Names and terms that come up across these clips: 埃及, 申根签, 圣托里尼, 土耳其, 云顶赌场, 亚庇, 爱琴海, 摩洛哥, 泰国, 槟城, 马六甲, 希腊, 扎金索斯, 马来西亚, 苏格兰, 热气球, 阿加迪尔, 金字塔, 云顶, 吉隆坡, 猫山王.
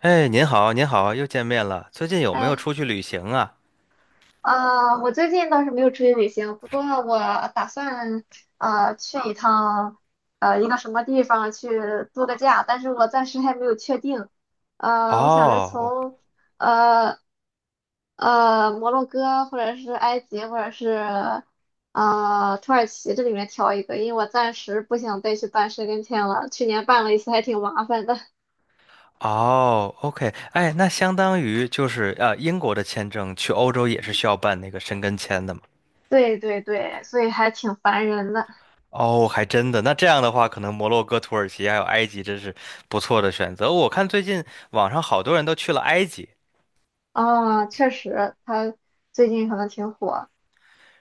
哎，您好，您好，又见面了。最近有没有哎出去旅行啊？啊，我最近倒是没有出去旅行，不过我打算去一趟一个什么地方去度个假，但是我暂时还没有确定。我想着哦，从呃摩洛哥或者是埃及或者是土耳其这里面挑一个，因为我暂时不想再去办申根签了，去年办了一次还挺麻烦的。哦，OK，哎，那相当于就是英国的签证去欧洲也是需要办那个申根签的嘛？对对对，所以还挺烦人的。哦，还真的。那这样的话，可能摩洛哥、土耳其还有埃及真是不错的选择。我看最近网上好多人都去了埃及。啊，确实，他最近可能挺火。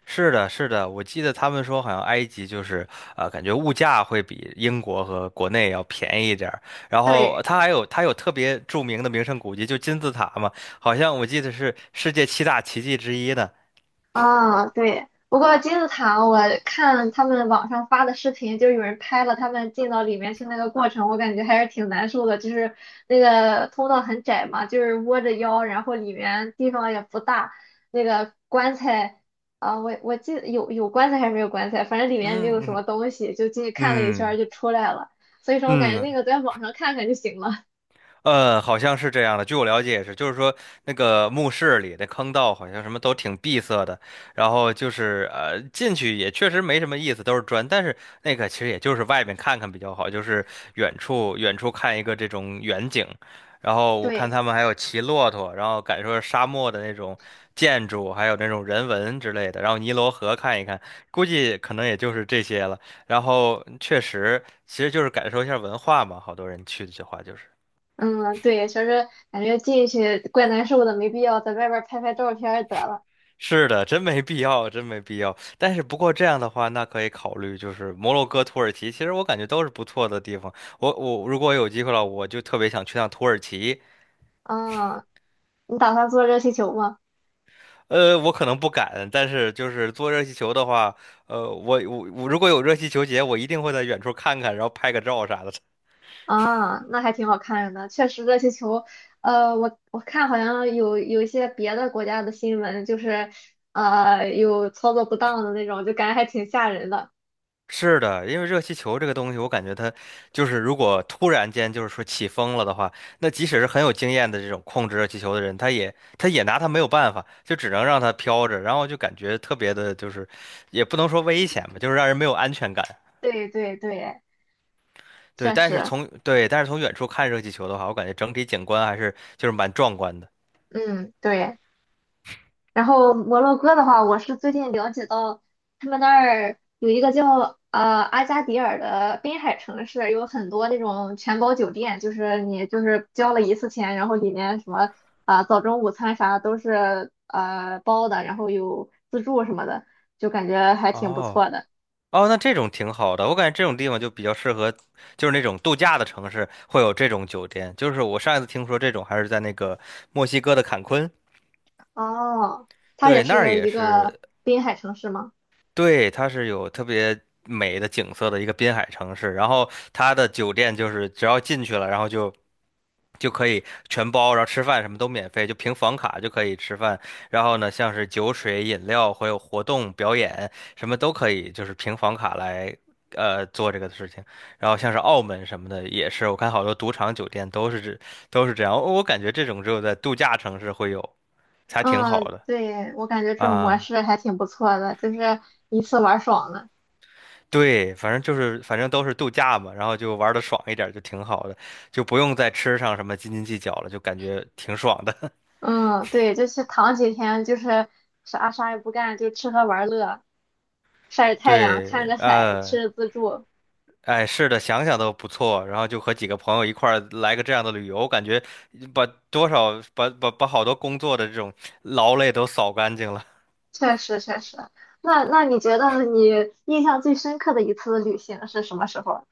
是的，是的，我记得他们说好像埃及就是，感觉物价会比英国和国内要便宜一点儿。然后对，它还有它有特别著名的名胜古迹，就金字塔嘛，好像我记得是世界七大奇迹之一的。啊，对。不过金字塔，我看他们网上发的视频，就有人拍了他们进到里面去那个过程，我感觉还是挺难受的。就是那个通道很窄嘛，就是窝着腰，然后里面地方也不大，那个棺材啊，我记得有棺材还是没有棺材，反正里面没有什嗯么嗯东西，就进去看了一圈儿嗯。就出来了。所以说我感觉那嗯。个在网上看看就行了。好像是这样的。据我了解也是，就是说那个墓室里的坑道好像什么都挺闭塞的，然后就是进去也确实没什么意思，都是砖。但是那个其实也就是外面看看比较好，就是远处看一个这种远景。然后我看对。他们还有骑骆驼，然后感受沙漠的那种建筑，还有那种人文之类的。然后尼罗河看一看，估计可能也就是这些了。然后确实，其实就是感受一下文化嘛，好多人去的话就是。嗯，对，确实感觉进去怪难受的，没必要在外边儿拍拍照片儿得了。是的，真没必要，真没必要。但是不过这样的话，那可以考虑就是摩洛哥、土耳其，其实我感觉都是不错的地方。我如果有机会了，我就特别想去趟土耳其。啊，你打算做热气球吗？呃，我可能不敢，但是就是坐热气球的话，我如果有热气球节，我一定会在远处看看，然后拍个照啥的。啊，那还挺好看的。确实，热气球，我我看好像有一些别的国家的新闻，就是有操作不当的那种，就感觉还挺吓人的。是的，因为热气球这个东西，我感觉它就是如果突然间就是说起风了的话，那即使是很有经验的这种控制热气球的人，他也拿它没有办法，就只能让它飘着，然后就感觉特别的，就是也不能说危险吧，就是让人没有安全感。对对对，确实，对，但是从远处看热气球的话，我感觉整体景观还是就是蛮壮观的。嗯，对。然后摩洛哥的话，我是最近了解到他们那儿有一个叫阿加迪尔的滨海城市，有很多那种全包酒店，就是你就是交了一次钱，然后里面什么早中午餐啥都是包的，然后有自助什么的，就感觉还挺不哦。错的。哦，那这种挺好的，我感觉这种地方就比较适合，就是那种度假的城市会有这种酒店。就是我上一次听说这种还是在那个墨西哥的坎昆，哦，它也对，那儿是也一个是，滨海城市吗？对，它是有特别美的景色的一个滨海城市。然后它的酒店就是只要进去了，然后就可以全包，然后吃饭什么都免费，就凭房卡就可以吃饭。然后呢，像是酒水、饮料，还有活动、表演，什么都可以，就是凭房卡来做这个事情。然后像是澳门什么的，也是我看好多赌场酒店都是这样。我感觉这种只有在度假城市会有，才挺好嗯，的对，我感觉这种模啊。式还挺不错的，就是一次玩爽了。对，反正就是反正都是度假嘛，然后就玩的爽一点儿就挺好的，就不用在吃上什么斤斤计较了，就感觉挺爽的。嗯，对，就是躺几天，就是啥啥也不干，就吃喝玩乐，晒着 太阳，看对，着海，呃。吃着自助，哎，是的，想想都不错。然后就和几个朋友一块儿来个这样的旅游，我感觉把多少把把把好多工作的这种劳累都扫干净了。确实确实。那你觉得你印象最深刻的一次旅行是什么时候？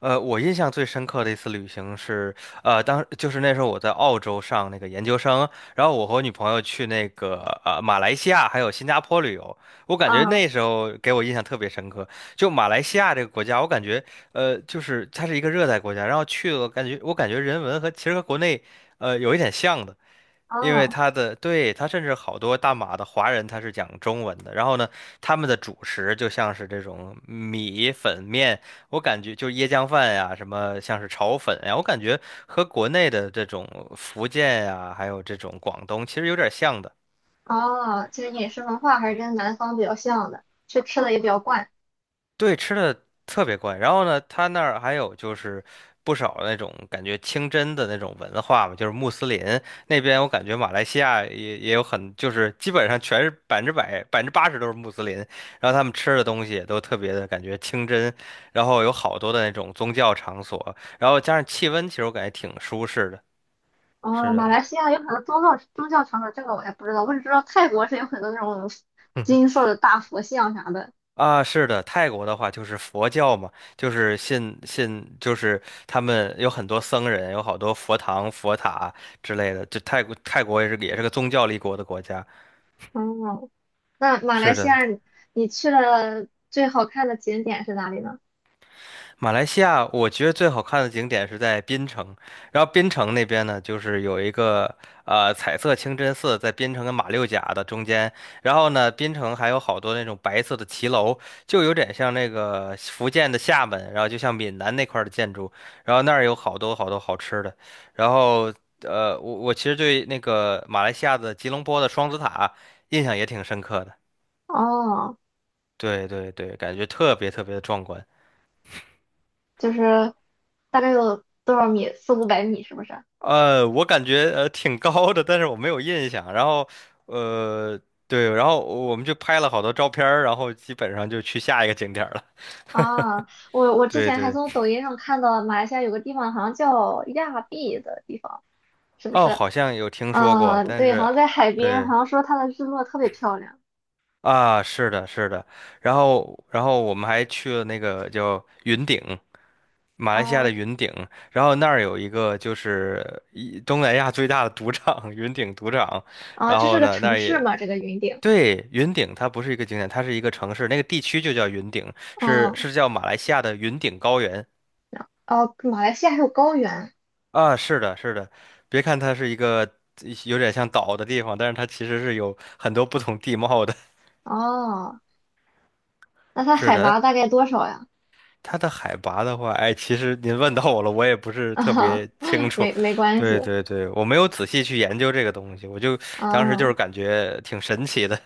呃，我印象最深刻的一次旅行是，就是那时候我在澳洲上那个研究生，然后我和我女朋友去那个马来西亚还有新加坡旅游，我感觉嗯，那时候给我印象特别深刻。就马来西亚这个国家，我感觉就是它是一个热带国家，然后去了感觉我感觉人文和其实和国内有一点像的。因为哦他的，对，他甚至好多大马的华人他是讲中文的，然后呢，他们的主食就像是这种米粉面，我感觉就是椰浆饭呀，什么像是炒粉呀，我感觉和国内的这种福建呀，还有这种广东其实有点像的。哦，其实饮食文化还是跟南方比较像的，吃吃的也比较惯。对，吃的特别怪。然后呢，他那儿还有就是不少那种感觉清真的那种文化嘛，就是穆斯林那边，我感觉马来西亚也有很，就是基本上全是100%、80%都是穆斯林。然后他们吃的东西也都特别的感觉清真，然后有好多的那种宗教场所，然后加上气温，其实我感觉挺舒适的。是哦，马的，来西亚有很多宗教场所，这个我也不知道，我只知道泰国是有很多那种 金色的大佛像啥的。啊，是的，泰国的话就是佛教嘛，就是信，就是他们有很多僧人，有好多佛堂、佛塔之类的。就泰国，泰国也是个宗教立国的国家。哦。那马来是西亚的，你去了最好看的景点是哪里呢？马来西亚，我觉得最好看的景点是在槟城，然后槟城那边呢，就是有一个彩色清真寺，在槟城跟马六甲的中间，然后呢，槟城还有好多那种白色的骑楼，就有点像那个福建的厦门，然后就像闽南那块儿的建筑，然后那儿有好多好多好吃的，然后我其实对那个马来西亚的吉隆坡的双子塔印象也挺深刻的，哦，对对对，感觉特别特别的壮观。就是大概有多少米？四五百米是不是？我感觉挺高的，但是我没有印象。然后，呃，对，然后我们就拍了好多照片儿，然后基本上就去下一个景点儿了。啊，我我 之对前还对，从抖音上看到马来西亚有个地方好像叫亚庇的地方，是不哦，是？好像有听说过，嗯，但对，好是，像在海边，对好像说它的日落特别漂亮。啊，是的，是的。然后，然后我们还去了那个叫云顶，马来西亚啊的云顶。然后那儿有一个就是一东南亚最大的赌场，云顶赌场。啊，然这是后个呢，那城儿市也。嘛？这个云顶。对，云顶它不是一个景点，它是一个城市，那个地区就叫云顶，是嗯，是叫马来西亚的云顶高原哦，马来西亚还有高原。啊。是的，是的，别看它是一个有点像岛的地方，但是它其实是有很多不同地貌的。哦，那 它是海的，拔大概多少呀？它的海拔的话，哎，其实您问到我了，我也不 是特啊，别清楚。没没关对系。对对，我没有仔细去研究这个东西，我就当时就啊是感觉挺神奇的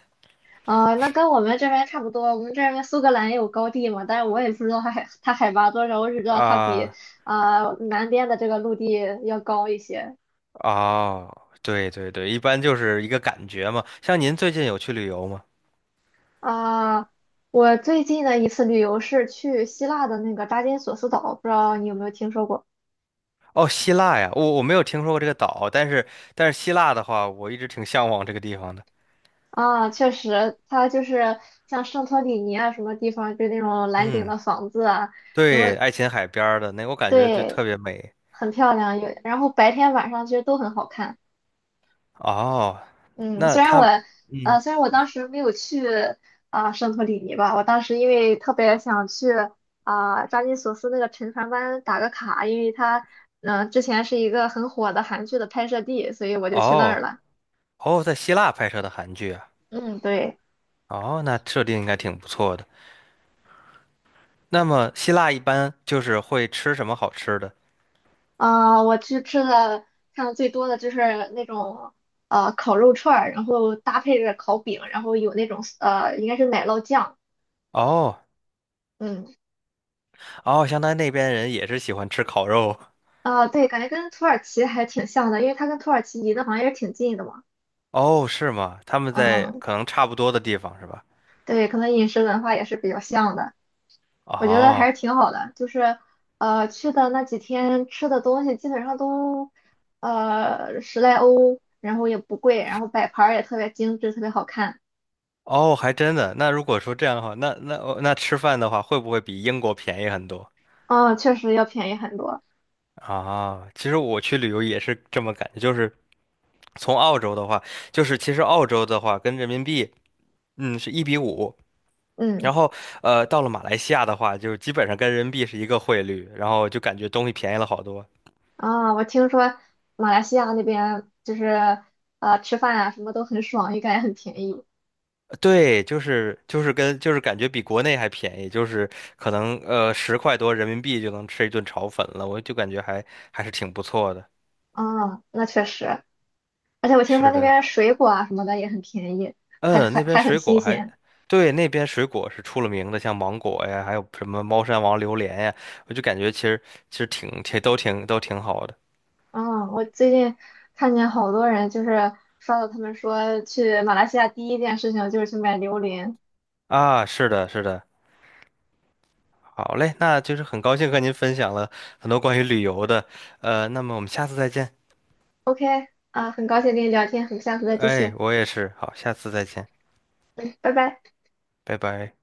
啊，那跟我们这边差不多。我们这边苏格兰也有高地嘛，但是我也不知道它海 它海拔多少，我只知道它比啊。南边的这个陆地要高一些。哦，对对对，一般就是一个感觉嘛。像您最近有去旅游吗？啊、我最近的一次旅游是去希腊的那个扎金索斯岛，不知道你有没有听说过？哦，希腊呀，我没有听说过这个岛，但是但是希腊的话，我一直挺向往这个地方的。啊，确实，它就是像圣托里尼啊什么地方，就那种蓝顶嗯，的房子啊，对，爱琴海边儿的那，我感觉就对，特别美。很漂亮。有，然后白天晚上其实都很好看。哦，嗯，那虽然我，他，嗯，虽然我当时没有去圣托里尼吧，我当时因为特别想去扎金索斯那个沉船湾打个卡，因为它，之前是一个很火的韩剧的拍摄地，所以我就去那儿哦了。哦，在希腊拍摄的韩剧啊，嗯，对，哦，那设定应该挺不错的。那么希腊一般就是会吃什么好吃的？我去吃的看的最多的就是那种烤肉串儿，然后搭配着烤饼，然后有那种应该是奶酪酱，哦嗯，哦，相当于那边人也是喜欢吃烤肉。啊、对，感觉跟土耳其还挺像的，因为它跟土耳其离得好像也挺近的嘛。哦，是吗？他们在嗯，可能差不多的地方是吧？对，可能饮食文化也是比较像的，我觉得还哦。是挺好的。就是，去的那几天吃的东西基本上都，十来欧，然后也不贵，然后摆盘儿也特别精致，特别好看。哦，还真的。那如果说这样的话，那那哦那吃饭的话，会不会比英国便宜很多啊，确实要便宜很多。啊？其实我去旅游也是这么感觉，就是从澳洲的话，就是其实澳洲的话跟人民币，嗯，是1:5。然嗯，后，呃，到了马来西亚的话，就基本上跟人民币是一个汇率，然后就感觉东西便宜了好多。啊，我听说马来西亚那边就是，吃饭啊什么都很爽，感觉很便宜。呃对，就是就是跟就是感觉比国内还便宜，就是可能10块多人民币就能吃一顿炒粉了，我就感觉还是挺不错的。啊，那确实，而且我听说是那的。边水果啊什么的也很便宜，还嗯，还那边还很水新果还，鲜。对，那边水果是出了名的，像芒果呀，还有什么猫山王榴莲呀，我就感觉其实挺好的嗯，我最近看见好多人就是刷到他们说去马来西亚第一件事情就是去买榴莲。啊。是的，是的，好嘞，那就是很高兴和您分享了很多关于旅游的，呃，那么我们下次再见。OK，啊，很高兴跟你聊天，很，们下次再继哎，续，我也是，好，下次再见，拜拜。拜拜。